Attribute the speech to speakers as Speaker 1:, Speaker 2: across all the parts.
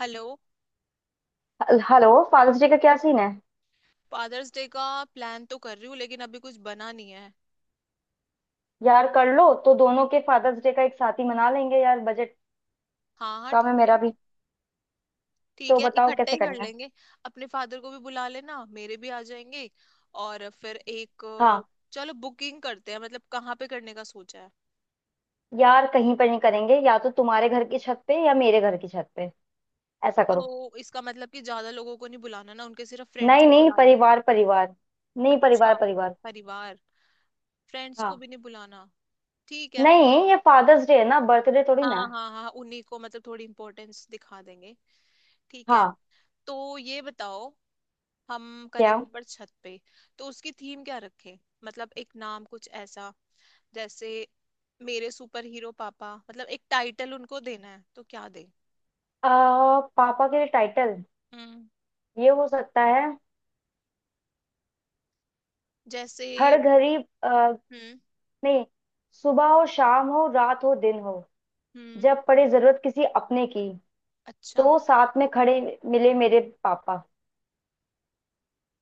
Speaker 1: Hello.
Speaker 2: Hello. Father's Day का क्या scene है?
Speaker 1: फादर्स डे का प्लान तो कर रही हूँ, लेकिन अभी कुछ बना नहीं है।
Speaker 2: यार कर लो, तो दोनों के फादर्स डे का एक साथ ही मना लेंगे। यार बजट
Speaker 1: हाँ हाँ,
Speaker 2: कम है
Speaker 1: ठीक
Speaker 2: मेरा
Speaker 1: है।
Speaker 2: भी। तो
Speaker 1: ठीक है,
Speaker 2: बताओ
Speaker 1: इकट्ठा
Speaker 2: कैसे
Speaker 1: ही कर
Speaker 2: करना है?
Speaker 1: लेंगे। अपने फादर को भी बुला लेना, मेरे भी आ जाएंगे। और फिर एक।
Speaker 2: हाँ।
Speaker 1: चलो, बुकिंग करते हैं। मतलब कहाँ पे करने का सोचा है?
Speaker 2: यार कहीं पर नहीं करेंगे, या तो तुम्हारे घर की छत पे या मेरे घर की छत पे। ऐसा
Speaker 1: तो
Speaker 2: करो।
Speaker 1: इसका मतलब कि ज्यादा लोगों को नहीं बुलाना ना, उनके सिर्फ फ्रेंड्स
Speaker 2: नहीं
Speaker 1: को
Speaker 2: नहीं,
Speaker 1: बुला लेंगे।
Speaker 2: परिवार परिवार। नहीं,
Speaker 1: अच्छा।
Speaker 2: परिवार परिवार।
Speaker 1: परिवार। फ्रेंड्स को
Speaker 2: हाँ।
Speaker 1: भी नहीं बुलाना। ठीक है।
Speaker 2: नहीं, ये फादर्स डे है ना, बर्थडे थोड़ी ना
Speaker 1: हाँ
Speaker 2: है।
Speaker 1: हाँ हाँ, उन्हीं को मतलब थोड़ी इम्पोर्टेंस दिखा देंगे। ठीक है।
Speaker 2: हाँ।
Speaker 1: तो ये बताओ, हम
Speaker 2: क्या?
Speaker 1: करेंगे ऊपर छत पे। तो उसकी थीम क्या रखें? मतलब एक नाम कुछ ऐसा, जैसे मेरे सुपर हीरो पापा। मतलब एक टाइटल उनको देना है, तो क्या दें?
Speaker 2: पापा के लिए टाइटल।
Speaker 1: हम्म।
Speaker 2: ये हो सकता है,
Speaker 1: जैसे।
Speaker 2: हर घड़ी। आ,
Speaker 1: हम्म।
Speaker 2: नहीं। सुबह हो, शाम हो, रात हो, दिन हो,
Speaker 1: हम्म।
Speaker 2: जब पड़े जरूरत किसी अपने की,
Speaker 1: अच्छा।
Speaker 2: तो साथ में खड़े मिले मेरे पापा।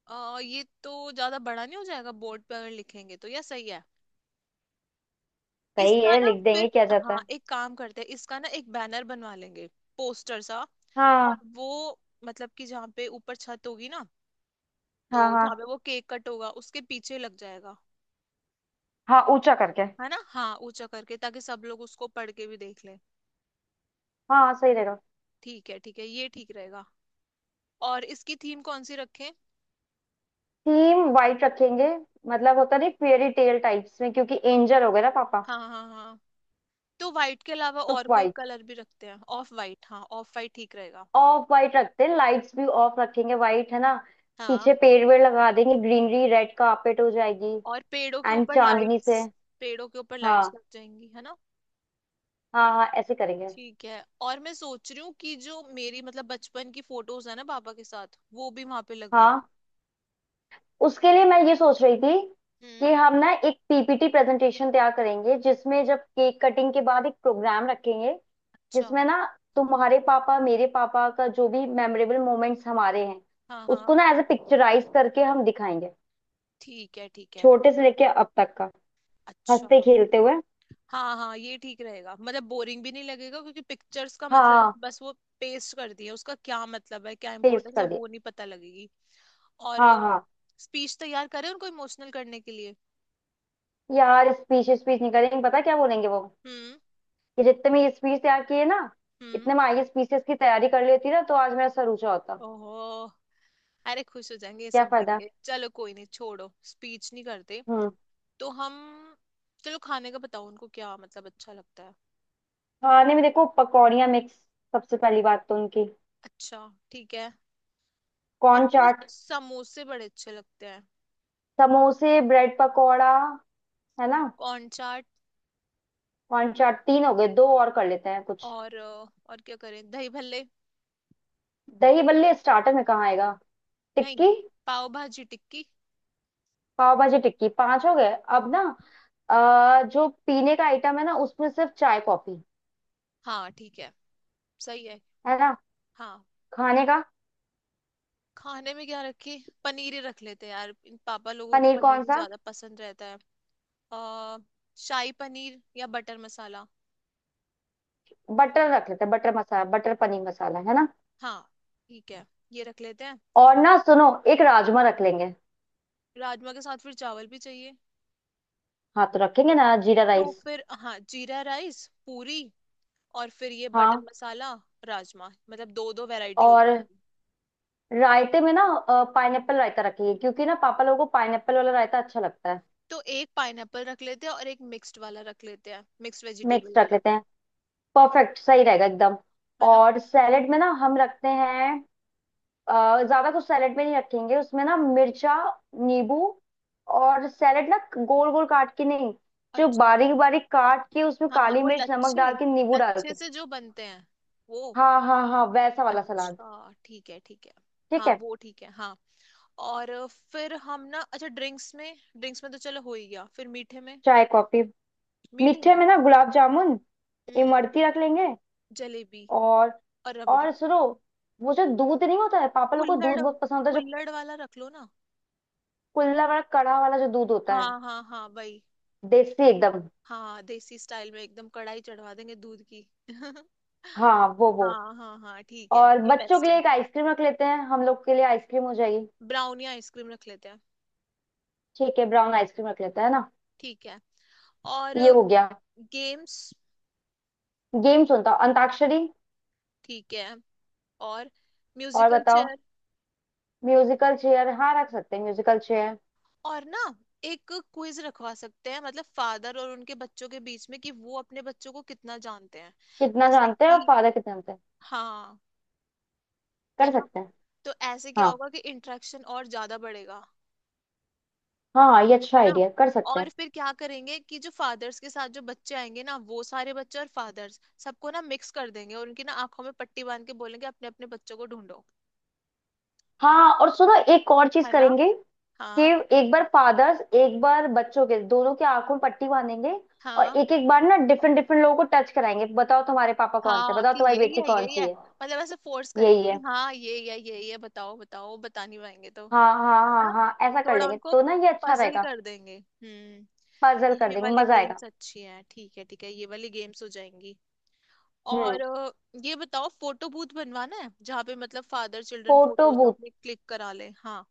Speaker 1: ये तो ज्यादा बड़ा नहीं हो जाएगा बोर्ड पे? अगर लिखेंगे तो यह सही है।
Speaker 2: सही
Speaker 1: इसका
Speaker 2: है,
Speaker 1: ना
Speaker 2: लिख देंगे,
Speaker 1: फिर,
Speaker 2: क्या जाता
Speaker 1: हाँ
Speaker 2: है।
Speaker 1: एक काम करते हैं, इसका ना एक बैनर बनवा लेंगे, पोस्टर सा। और
Speaker 2: हाँ।
Speaker 1: वो मतलब कि जहाँ पे ऊपर छत होगी ना, तो
Speaker 2: हाँ हाँ।
Speaker 1: जहाँ पे वो केक कट होगा उसके पीछे लग जाएगा,
Speaker 2: हाँ ऊंचा करके।
Speaker 1: है ना। हाँ, ऊंचा करके, ताकि सब लोग उसको पढ़ के भी देख लें।
Speaker 2: हाँ सही रहेगा।
Speaker 1: ठीक है ठीक है, ये ठीक रहेगा। और इसकी थीम कौन सी रखें?
Speaker 2: थीम वाइट रखेंगे, मतलब होता नहीं फेयरी टेल टाइप्स में, क्योंकि एंजल हो गए ना पापा।
Speaker 1: हाँ हाँ हाँ। तो वाइट के अलावा
Speaker 2: तो
Speaker 1: और कोई
Speaker 2: वाइट,
Speaker 1: कलर भी रखते हैं? ऑफ वाइट, हाँ ऑफ वाइट ठीक रहेगा।
Speaker 2: ऑफ वाइट रखते हैं। लाइट्स भी ऑफ रखेंगे, वाइट है ना।
Speaker 1: हाँ।
Speaker 2: पीछे पेड़ वेड़ लगा देंगे, ग्रीनरी, रेड कार्पेट हो जाएगी।
Speaker 1: और पेड़ों के
Speaker 2: एंड
Speaker 1: ऊपर
Speaker 2: चांदनी से।
Speaker 1: लाइट्स। पेड़ों के ऊपर लाइट्स
Speaker 2: हाँ
Speaker 1: लग जाएंगी, है ना।
Speaker 2: हाँ हाँ, ऐसे करेंगे।
Speaker 1: ठीक है। और मैं सोच रही हूँ कि जो मेरी मतलब बचपन की फोटोज है ना पापा के साथ, वो भी वहां पे लगवा दूँ।
Speaker 2: हाँ। उसके लिए मैं ये सोच रही थी
Speaker 1: हम्म।
Speaker 2: कि हम ना एक पीपीटी प्रेजेंटेशन तैयार करेंगे, जिसमें जब केक कटिंग के बाद एक प्रोग्राम रखेंगे,
Speaker 1: अच्छा।
Speaker 2: जिसमें ना तुम्हारे पापा, मेरे पापा का जो भी मेमोरेबल मोमेंट्स हमारे हैं,
Speaker 1: हाँ
Speaker 2: उसको
Speaker 1: हाँ।
Speaker 2: ना एज ए पिक्चराइज करके हम दिखाएंगे।
Speaker 1: ठीक है ठीक है।
Speaker 2: छोटे से लेके अब तक का,
Speaker 1: अच्छा।
Speaker 2: हंसते खेलते हुए।
Speaker 1: हाँ हाँ, ये ठीक रहेगा। मतलब बोरिंग भी नहीं लगेगा, क्योंकि पिक्चर्स का मतलब है
Speaker 2: हाँ
Speaker 1: बस वो पेस्ट कर दिया, उसका क्या मतलब है, क्या
Speaker 2: पेस्ट
Speaker 1: इंपॉर्टेंस है
Speaker 2: कर दिए।
Speaker 1: वो नहीं पता लगेगी। और
Speaker 2: हाँ हाँ।
Speaker 1: स्पीच तैयार करें उनको इमोशनल करने के लिए?
Speaker 2: यार स्पीच स्पीच नहीं करेंगे, पता क्या बोलेंगे वो।
Speaker 1: हम्म।
Speaker 2: कि जितने में ये स्पीच तैयार किए ना,
Speaker 1: हम्म।
Speaker 2: इतने में आगे स्पीचेस की तैयारी कर लेती, ना तो आज मेरा सर ऊंचा होता।
Speaker 1: ओहो। अरे खुश हो जाएंगे ये
Speaker 2: क्या
Speaker 1: सब देख
Speaker 2: फायदा।
Speaker 1: के, चलो कोई नहीं, छोड़ो स्पीच नहीं करते।
Speaker 2: हम्म।
Speaker 1: तो हम, चलो खाने का बताओ, उनको क्या मतलब अच्छा लगता है?
Speaker 2: खाने में देखो, पकौड़ियाँ मिक्स सबसे पहली बात तो उनकी।
Speaker 1: अच्छा ठीक है। और
Speaker 2: कॉर्न
Speaker 1: उनको
Speaker 2: चाट,
Speaker 1: समोसे बड़े अच्छे लगते हैं।
Speaker 2: समोसे, ब्रेड पकौड़ा है ना।
Speaker 1: कॉर्न चाट।
Speaker 2: कॉर्न चाट, 3 हो गए, 2 और कर लेते हैं कुछ।
Speaker 1: और क्या करें, दही भल्ले?
Speaker 2: दही बल्ले स्टार्टर में कहाँ आएगा?
Speaker 1: नहीं,
Speaker 2: टिक्की,
Speaker 1: पाव भाजी टिक्की।
Speaker 2: पाव भाजी टिक्की, 5 हो गए अब ना। जो पीने का आइटम है ना, उसमें सिर्फ चाय कॉफी,
Speaker 1: हाँ ठीक है, सही है,
Speaker 2: है ना?
Speaker 1: हाँ।
Speaker 2: खाने का,
Speaker 1: खाने में क्या रखे? पनीर ही रख लेते हैं यार, इन पापा लोगों को
Speaker 2: पनीर
Speaker 1: पनीर
Speaker 2: कौन
Speaker 1: ही
Speaker 2: सा?
Speaker 1: ज्यादा पसंद रहता है। आ, शाही पनीर या बटर मसाला?
Speaker 2: बटर रख लेते हैं, बटर मसाला, बटर पनीर मसाला, है ना।
Speaker 1: हाँ ठीक है, ये रख लेते हैं।
Speaker 2: और ना सुनो, 1 राजमा रख लेंगे।
Speaker 1: राजमा के साथ फिर चावल भी चाहिए।
Speaker 2: हाँ तो रखेंगे ना, जीरा
Speaker 1: तो
Speaker 2: राइस।
Speaker 1: फिर हाँ, जीरा राइस, पूरी, और फिर ये बटर
Speaker 2: हाँ।
Speaker 1: मसाला, राजमा, मतलब दो दो वैरायटी हो
Speaker 2: और
Speaker 1: जाएगी।
Speaker 2: रायते में ना, पाइनएप्पल रायता रखिए, क्योंकि ना पापा लोगों को पाइनएप्पल वाला रायता अच्छा लगता है।
Speaker 1: तो एक पाइनएप्पल रख लेते हैं और एक मिक्स्ड वाला रख लेते हैं, मिक्स्ड वेजिटेबल
Speaker 2: मिक्स रख
Speaker 1: वाला,
Speaker 2: लेते हैं, परफेक्ट, सही रहेगा एकदम।
Speaker 1: है ना।
Speaker 2: और सैलेड में ना हम रखते हैं, ज्यादा कुछ सैलेड में नहीं रखेंगे। उसमें ना मिर्चा, नींबू। और सैलेड ना गोल गोल काट के नहीं, जो
Speaker 1: अच्छा
Speaker 2: बारीक बारीक काट के, उसमें
Speaker 1: हाँ हाँ,
Speaker 2: काली
Speaker 1: वो
Speaker 2: मिर्च नमक
Speaker 1: लच्छे,
Speaker 2: डाल के, नींबू डाल
Speaker 1: लच्छे
Speaker 2: के।
Speaker 1: से जो बनते हैं, वो।
Speaker 2: हाँ हाँ हाँ, वैसा वाला सलाद।
Speaker 1: अच्छा ठीक है ठीक है।
Speaker 2: ठीक
Speaker 1: हाँ
Speaker 2: है।
Speaker 1: वो ठीक है, हाँ। और फिर हम ना, अच्छा ड्रिंक्स में, ड्रिंक्स में तो चलो हो ही गया, फिर मीठे में।
Speaker 2: चाय कॉफी।
Speaker 1: मीठे
Speaker 2: मीठे
Speaker 1: में।
Speaker 2: में ना गुलाब जामुन,
Speaker 1: हम्म।
Speaker 2: इमरती रख लेंगे।
Speaker 1: जलेबी।
Speaker 2: और
Speaker 1: और रबड़ी।
Speaker 2: और सुनो, वो जो दूध नहीं होता है, पापा लोग को दूध
Speaker 1: कुल्हड़।
Speaker 2: बहुत पसंद होता है जो,
Speaker 1: कुल्हड़ वाला रख लो ना।
Speaker 2: कुल्ला वाला, कड़ा वाला, जो दूध होता है।
Speaker 1: हाँ हाँ हाँ, वही।
Speaker 2: देसी एकदम।
Speaker 1: हाँ, देसी स्टाइल में एकदम, कढ़ाई चढ़वा देंगे दूध की।
Speaker 2: हाँ वो।
Speaker 1: हाँ हाँ हाँ, ठीक है,
Speaker 2: और
Speaker 1: ये
Speaker 2: बच्चों के
Speaker 1: बेस्ट
Speaker 2: लिए
Speaker 1: है।
Speaker 2: एक आइसक्रीम रख लेते हैं, हम लोग के लिए आइसक्रीम हो जाएगी।
Speaker 1: ब्राउनी आइसक्रीम रख लेते हैं।
Speaker 2: ठीक है, ब्राउन आइसक्रीम रख लेते हैं ना।
Speaker 1: ठीक है। और?
Speaker 2: ये हो गया।
Speaker 1: गेम्स।
Speaker 2: गेम सुनता हूँ, अंताक्षरी।
Speaker 1: ठीक है। और
Speaker 2: और
Speaker 1: म्यूजिकल
Speaker 2: बताओ।
Speaker 1: चेयर।
Speaker 2: म्यूजिकल चेयर, हाँ रख सकते हैं म्यूजिकल चेयर।
Speaker 1: और ना एक क्विज रखवा सकते हैं, मतलब फादर और उनके बच्चों के बीच में, कि वो अपने बच्चों को कितना जानते हैं।
Speaker 2: कितना
Speaker 1: जैसे
Speaker 2: जानते हैं, और
Speaker 1: कि,
Speaker 2: फादर कितना जानते हैं।
Speaker 1: हाँ, है
Speaker 2: कर
Speaker 1: ना।
Speaker 2: सकते हैं।
Speaker 1: तो ऐसे क्या
Speaker 2: हाँ
Speaker 1: होगा कि इंटरेक्शन और ज्यादा बढ़ेगा,
Speaker 2: हाँ हाँ, ये अच्छा
Speaker 1: है ना।
Speaker 2: आइडिया, कर सकते
Speaker 1: और
Speaker 2: हैं।
Speaker 1: फिर क्या करेंगे, कि जो फादर्स के साथ जो बच्चे आएंगे ना, वो सारे बच्चे और फादर्स सबको ना मिक्स कर देंगे, और उनकी ना आंखों में पट्टी बांध के बोलेंगे, अपने अपने बच्चों को ढूंढो।
Speaker 2: हाँ और सुनो एक और चीज
Speaker 1: है ना।
Speaker 2: करेंगे, कि
Speaker 1: हाँ
Speaker 2: एक बार फादर्स एक बार बच्चों के, दोनों की आंखों में पट्टी बांधेंगे। और
Speaker 1: हाँ
Speaker 2: एक एक बार ना डिफरेंट डिफरेंट लोगों को टच कराएंगे, बताओ तुम्हारे पापा कौन से,
Speaker 1: हाँ,
Speaker 2: बताओ
Speaker 1: कि
Speaker 2: तुम्हारी
Speaker 1: यही
Speaker 2: बेटी
Speaker 1: है
Speaker 2: कौन
Speaker 1: यही है।
Speaker 2: सी है।
Speaker 1: मतलब ऐसे फोर्स
Speaker 2: यही
Speaker 1: करेंगे कि
Speaker 2: है।
Speaker 1: हाँ यही है यही है, बताओ बताओ, बता नहीं पाएंगे तो?
Speaker 2: हाँ हाँ
Speaker 1: है
Speaker 2: हाँ
Speaker 1: ना,
Speaker 2: हाँ, ऐसा कर
Speaker 1: थोड़ा
Speaker 2: लेंगे
Speaker 1: उनको
Speaker 2: तो ना ये अच्छा
Speaker 1: पजल
Speaker 2: रहेगा।
Speaker 1: कर देंगे। हम्म।
Speaker 2: पजल कर
Speaker 1: ये
Speaker 2: देंगे,
Speaker 1: वाली
Speaker 2: मजा आएगा।
Speaker 1: गेम्स अच्छी है, ठीक है ठीक है, ये वाली गेम्स हो जाएंगी।
Speaker 2: हम्म।
Speaker 1: और ये बताओ, फोटो बूथ बनवाना है, जहाँ पे मतलब father children
Speaker 2: photo
Speaker 1: photos
Speaker 2: booth,
Speaker 1: अपने क्लिक करा ले हाँ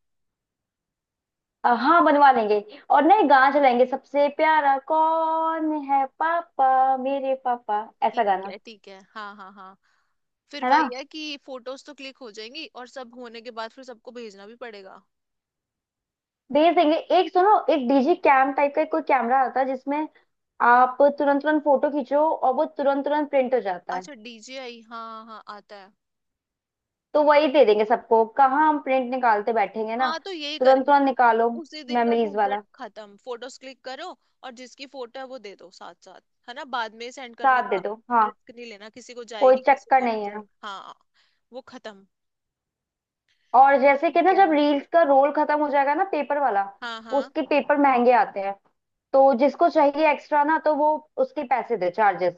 Speaker 2: हाँ बनवा लेंगे। और ना ये गाना चलाएंगे, सबसे प्यारा कौन है, पापा मेरे पापा, ऐसा
Speaker 1: ठीक
Speaker 2: गाना।
Speaker 1: है ठीक है, हाँ हाँ हाँ। फिर
Speaker 2: है।
Speaker 1: वही है कि फोटोज तो क्लिक हो जाएंगी और सब होने के बाद फिर सबको भेजना भी पड़ेगा।
Speaker 2: भेज देंगे। एक सुनो, एक डीजी कैम टाइप का कोई कैमरा आता है जिसमें आप तुरंत तुरंत फोटो खींचो और वो तुरंत तुरंत प्रिंट हो जाता है।
Speaker 1: अच्छा, डीजे आई, हाँ हाँ आता है।
Speaker 2: तो वही दे देंगे सबको, कहाँ हम प्रिंट निकालते बैठेंगे ना।
Speaker 1: हाँ, तो यही
Speaker 2: तुरंत
Speaker 1: करेंगे।
Speaker 2: तुरंत निकालो।
Speaker 1: उसी दिन का
Speaker 2: मेमोरीज
Speaker 1: झंझट
Speaker 2: वाला।
Speaker 1: खत्म, फोटोज क्लिक करो, और जिसकी फोटो है वो दे दो साथ साथ, है ना, बाद में सेंड करने
Speaker 2: साथ दे
Speaker 1: का
Speaker 2: दो हाँ।
Speaker 1: रिस्क नहीं लेना, किसी को
Speaker 2: कोई
Speaker 1: जाएगी किसी
Speaker 2: चक्कर
Speaker 1: को नहीं
Speaker 2: नहीं है।
Speaker 1: जाएगी, हाँ, वो खत्म।
Speaker 2: और जैसे कि
Speaker 1: ठीक
Speaker 2: ना,
Speaker 1: है।
Speaker 2: जब रील्स का रोल खत्म हो जाएगा ना, पेपर वाला,
Speaker 1: हाँ हाँ,
Speaker 2: उसके पेपर महंगे आते हैं, तो जिसको चाहिए एक्स्ट्रा, ना तो वो उसके पैसे दे, चार्जेस।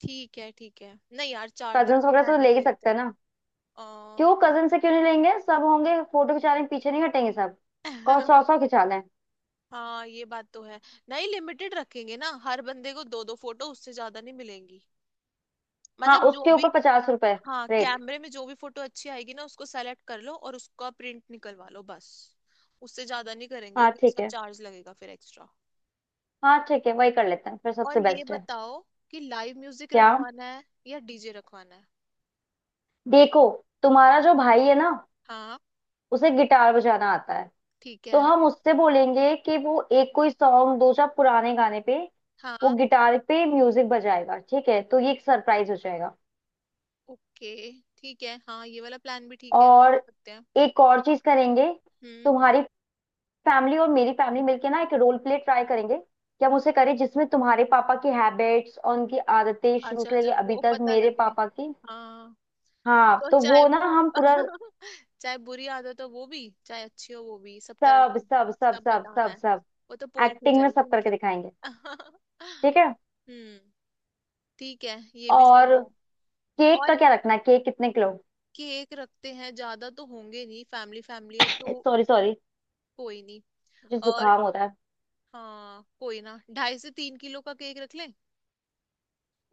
Speaker 1: ठीक है ठीक है, नहीं यार, चार्जेस
Speaker 2: कजन्स
Speaker 1: तो
Speaker 2: वगैरह से तो
Speaker 1: रहने
Speaker 2: ले ही
Speaker 1: देते
Speaker 2: सकते
Speaker 1: हैं।
Speaker 2: हैं ना।
Speaker 1: अ,
Speaker 2: क्यों कजन से क्यों नहीं लेंगे, सब होंगे फोटो खिंचाने, पीछे नहीं हटेंगे सब। कौन सौ सौ खिंचा लें।
Speaker 1: हाँ, ये बात तो है। नहीं, लिमिटेड रखेंगे ना, हर बंदे को दो दो फोटो, उससे ज्यादा नहीं मिलेंगी।
Speaker 2: हाँ
Speaker 1: मतलब जो
Speaker 2: उसके
Speaker 1: भी,
Speaker 2: ऊपर 50 रुपए
Speaker 1: हाँ,
Speaker 2: रेट।
Speaker 1: कैमरे में जो भी फोटो अच्छी आएगी ना, उसको सेलेक्ट कर लो और उसका प्रिंट निकलवा लो, बस। उससे ज्यादा नहीं करेंगे,
Speaker 2: हाँ
Speaker 1: क्योंकि
Speaker 2: ठीक
Speaker 1: उसका
Speaker 2: है।
Speaker 1: चार्ज लगेगा फिर एक्स्ट्रा।
Speaker 2: हाँ ठीक है, वही कर लेते हैं फिर,
Speaker 1: और
Speaker 2: सबसे
Speaker 1: ये
Speaker 2: बेस्ट है।
Speaker 1: बताओ, कि लाइव म्यूजिक
Speaker 2: क्या?
Speaker 1: रखवाना है या डीजे रखवाना है?
Speaker 2: देखो, तुम्हारा जो भाई है ना,
Speaker 1: हाँ
Speaker 2: उसे गिटार बजाना आता है।
Speaker 1: ठीक
Speaker 2: तो
Speaker 1: है
Speaker 2: हम उससे बोलेंगे कि वो एक कोई सॉन्ग, 2 4 पुराने गाने पे वो
Speaker 1: हाँ।
Speaker 2: गिटार पे म्यूजिक बजाएगा। ठीक है, तो ये एक सरप्राइज हो जाएगा।
Speaker 1: ओके, ठीक है हाँ, ये वाला प्लान भी ठीक है, कर
Speaker 2: और
Speaker 1: सकते हैं।
Speaker 2: एक और चीज करेंगे,
Speaker 1: हम्म।
Speaker 2: तुम्हारी फैमिली और मेरी फैमिली मिलके ना एक रोल प्ले ट्राई करेंगे, कि हम उसे करें जिसमें तुम्हारे पापा की हैबिट्स और उनकी आदतें शुरू
Speaker 1: अच्छा,
Speaker 2: से लेके
Speaker 1: जब
Speaker 2: अभी
Speaker 1: वो
Speaker 2: तक,
Speaker 1: पता
Speaker 2: मेरे
Speaker 1: लगे,
Speaker 2: पापा की।
Speaker 1: हाँ।
Speaker 2: हाँ
Speaker 1: तो
Speaker 2: तो
Speaker 1: चाहे
Speaker 2: वो ना
Speaker 1: वो
Speaker 2: हम पूरा,
Speaker 1: चाहे बुरी आदत हो वो भी, चाहे अच्छी हो वो भी, सब तरह
Speaker 2: सब
Speaker 1: के,
Speaker 2: सब सब
Speaker 1: सब
Speaker 2: सब
Speaker 1: बताना
Speaker 2: सब
Speaker 1: है।
Speaker 2: सब,
Speaker 1: वो तो पोल खुल
Speaker 2: एक्टिंग में
Speaker 1: जाएगी
Speaker 2: सब करके
Speaker 1: उनकी।
Speaker 2: दिखाएंगे। ठीक है।
Speaker 1: हम्म। ठीक है, ये भी
Speaker 2: और
Speaker 1: सही है।
Speaker 2: केक का
Speaker 1: और
Speaker 2: क्या रखना है, केक कितने किलो?
Speaker 1: केक रखते हैं, ज्यादा तो होंगे नहीं, फैमिली फैमिली है तो।
Speaker 2: सॉरी सॉरी,
Speaker 1: कोई नहीं।
Speaker 2: मुझे
Speaker 1: और
Speaker 2: जुकाम हो रहा है।
Speaker 1: हाँ कोई ना, 2.5 से 3 किलो का केक रख लें।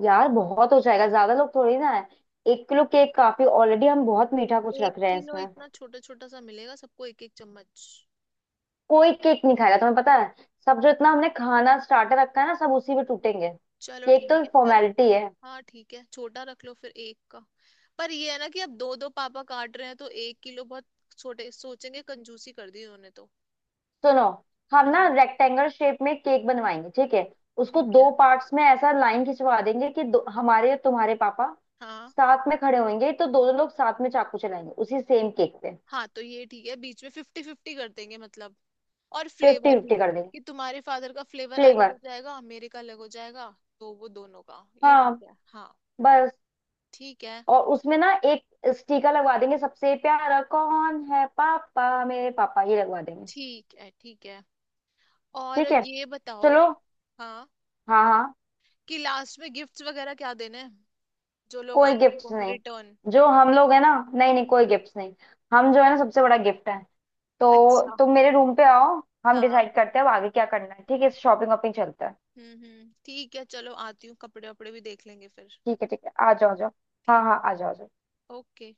Speaker 2: यार बहुत हो जाएगा, ज्यादा लोग थोड़ी ना है। 1 किलो केक काफी, ऑलरेडी हम बहुत मीठा कुछ
Speaker 1: एक
Speaker 2: रख रहे हैं
Speaker 1: किलो?
Speaker 2: इसमें।
Speaker 1: इतना छोटा छोटा सा मिलेगा, सबको एक एक चम्मच।
Speaker 2: कोई केक नहीं खाएगा, तुम्हें पता है। सब, जो इतना हमने खाना स्टार्टर रखा है ना, सब उसी पे टूटेंगे।
Speaker 1: चलो
Speaker 2: केक
Speaker 1: ठीक
Speaker 2: तो
Speaker 1: है फिर।
Speaker 2: फॉर्मेलिटी है।
Speaker 1: हाँ ठीक है, छोटा रख लो फिर, एक का। पर ये है ना, कि अब दो दो पापा काट रहे हैं, तो 1 किलो बहुत छोटे, सोचेंगे कंजूसी कर दी उन्होंने तो।
Speaker 2: सुनो, हम ना
Speaker 1: हम्म।
Speaker 2: रेक्टेंगल शेप में केक बनवाएंगे, ठीक है। उसको
Speaker 1: ठीक
Speaker 2: दो
Speaker 1: है।
Speaker 2: पार्ट्स में ऐसा लाइन खिंचवा देंगे, कि दो, हमारे और तुम्हारे पापा
Speaker 1: हाँ
Speaker 2: साथ में खड़े होंगे, तो दोनों लोग साथ में चाकू चलाएंगे उसी सेम केक पे।
Speaker 1: हाँ, तो ये ठीक है, बीच में 50-50 कर देंगे मतलब। और
Speaker 2: फिफ्टी
Speaker 1: फ्लेवर भी,
Speaker 2: फिफ्टी कर देंगे।
Speaker 1: कि तुम्हारे फादर का फ्लेवर अलग
Speaker 2: फ्लेवर।
Speaker 1: हो जाएगा, मेरे का अलग हो जाएगा। तो वो दोनों का, ये
Speaker 2: हाँ।
Speaker 1: ठीक है, हाँ।
Speaker 2: बस।
Speaker 1: ठीक है।
Speaker 2: और उसमें ना एक स्टिकर लगवा देंगे, सबसे प्यारा कौन है, पापा मेरे पापा, ये लगवा देंगे।
Speaker 1: ठीक है ठीक है। और
Speaker 2: ठीक है,
Speaker 1: ये बताओ,
Speaker 2: चलो।
Speaker 1: हाँ,
Speaker 2: हाँ हाँ।
Speaker 1: कि लास्ट में गिफ्ट्स वगैरह क्या देने हैं, जो लोग
Speaker 2: कोई
Speaker 1: आए
Speaker 2: गिफ्ट
Speaker 1: उनको
Speaker 2: नहीं।
Speaker 1: रिटर्न।
Speaker 2: जो हम लोग है ना, नहीं नहीं, कोई
Speaker 1: हम्म।
Speaker 2: गिफ्ट नहीं। हम जो है ना, सबसे बड़ा गिफ्ट है। तो
Speaker 1: अच्छा।
Speaker 2: तुम मेरे रूम पे आओ, हम
Speaker 1: हाँ
Speaker 2: डिसाइड करते हैं अब आगे क्या करना है। ठीक है, शॉपिंग वॉपिंग चलता है।
Speaker 1: हम्म, ठीक है, चलो आती हूँ, कपड़े वपड़े भी देख लेंगे फिर।
Speaker 2: ठीक है ठीक है, आ जाओ आ जाओ। हाँ
Speaker 1: ठीक
Speaker 2: हाँ
Speaker 1: है।
Speaker 2: आ जाओ आ जाओ।
Speaker 1: ओके।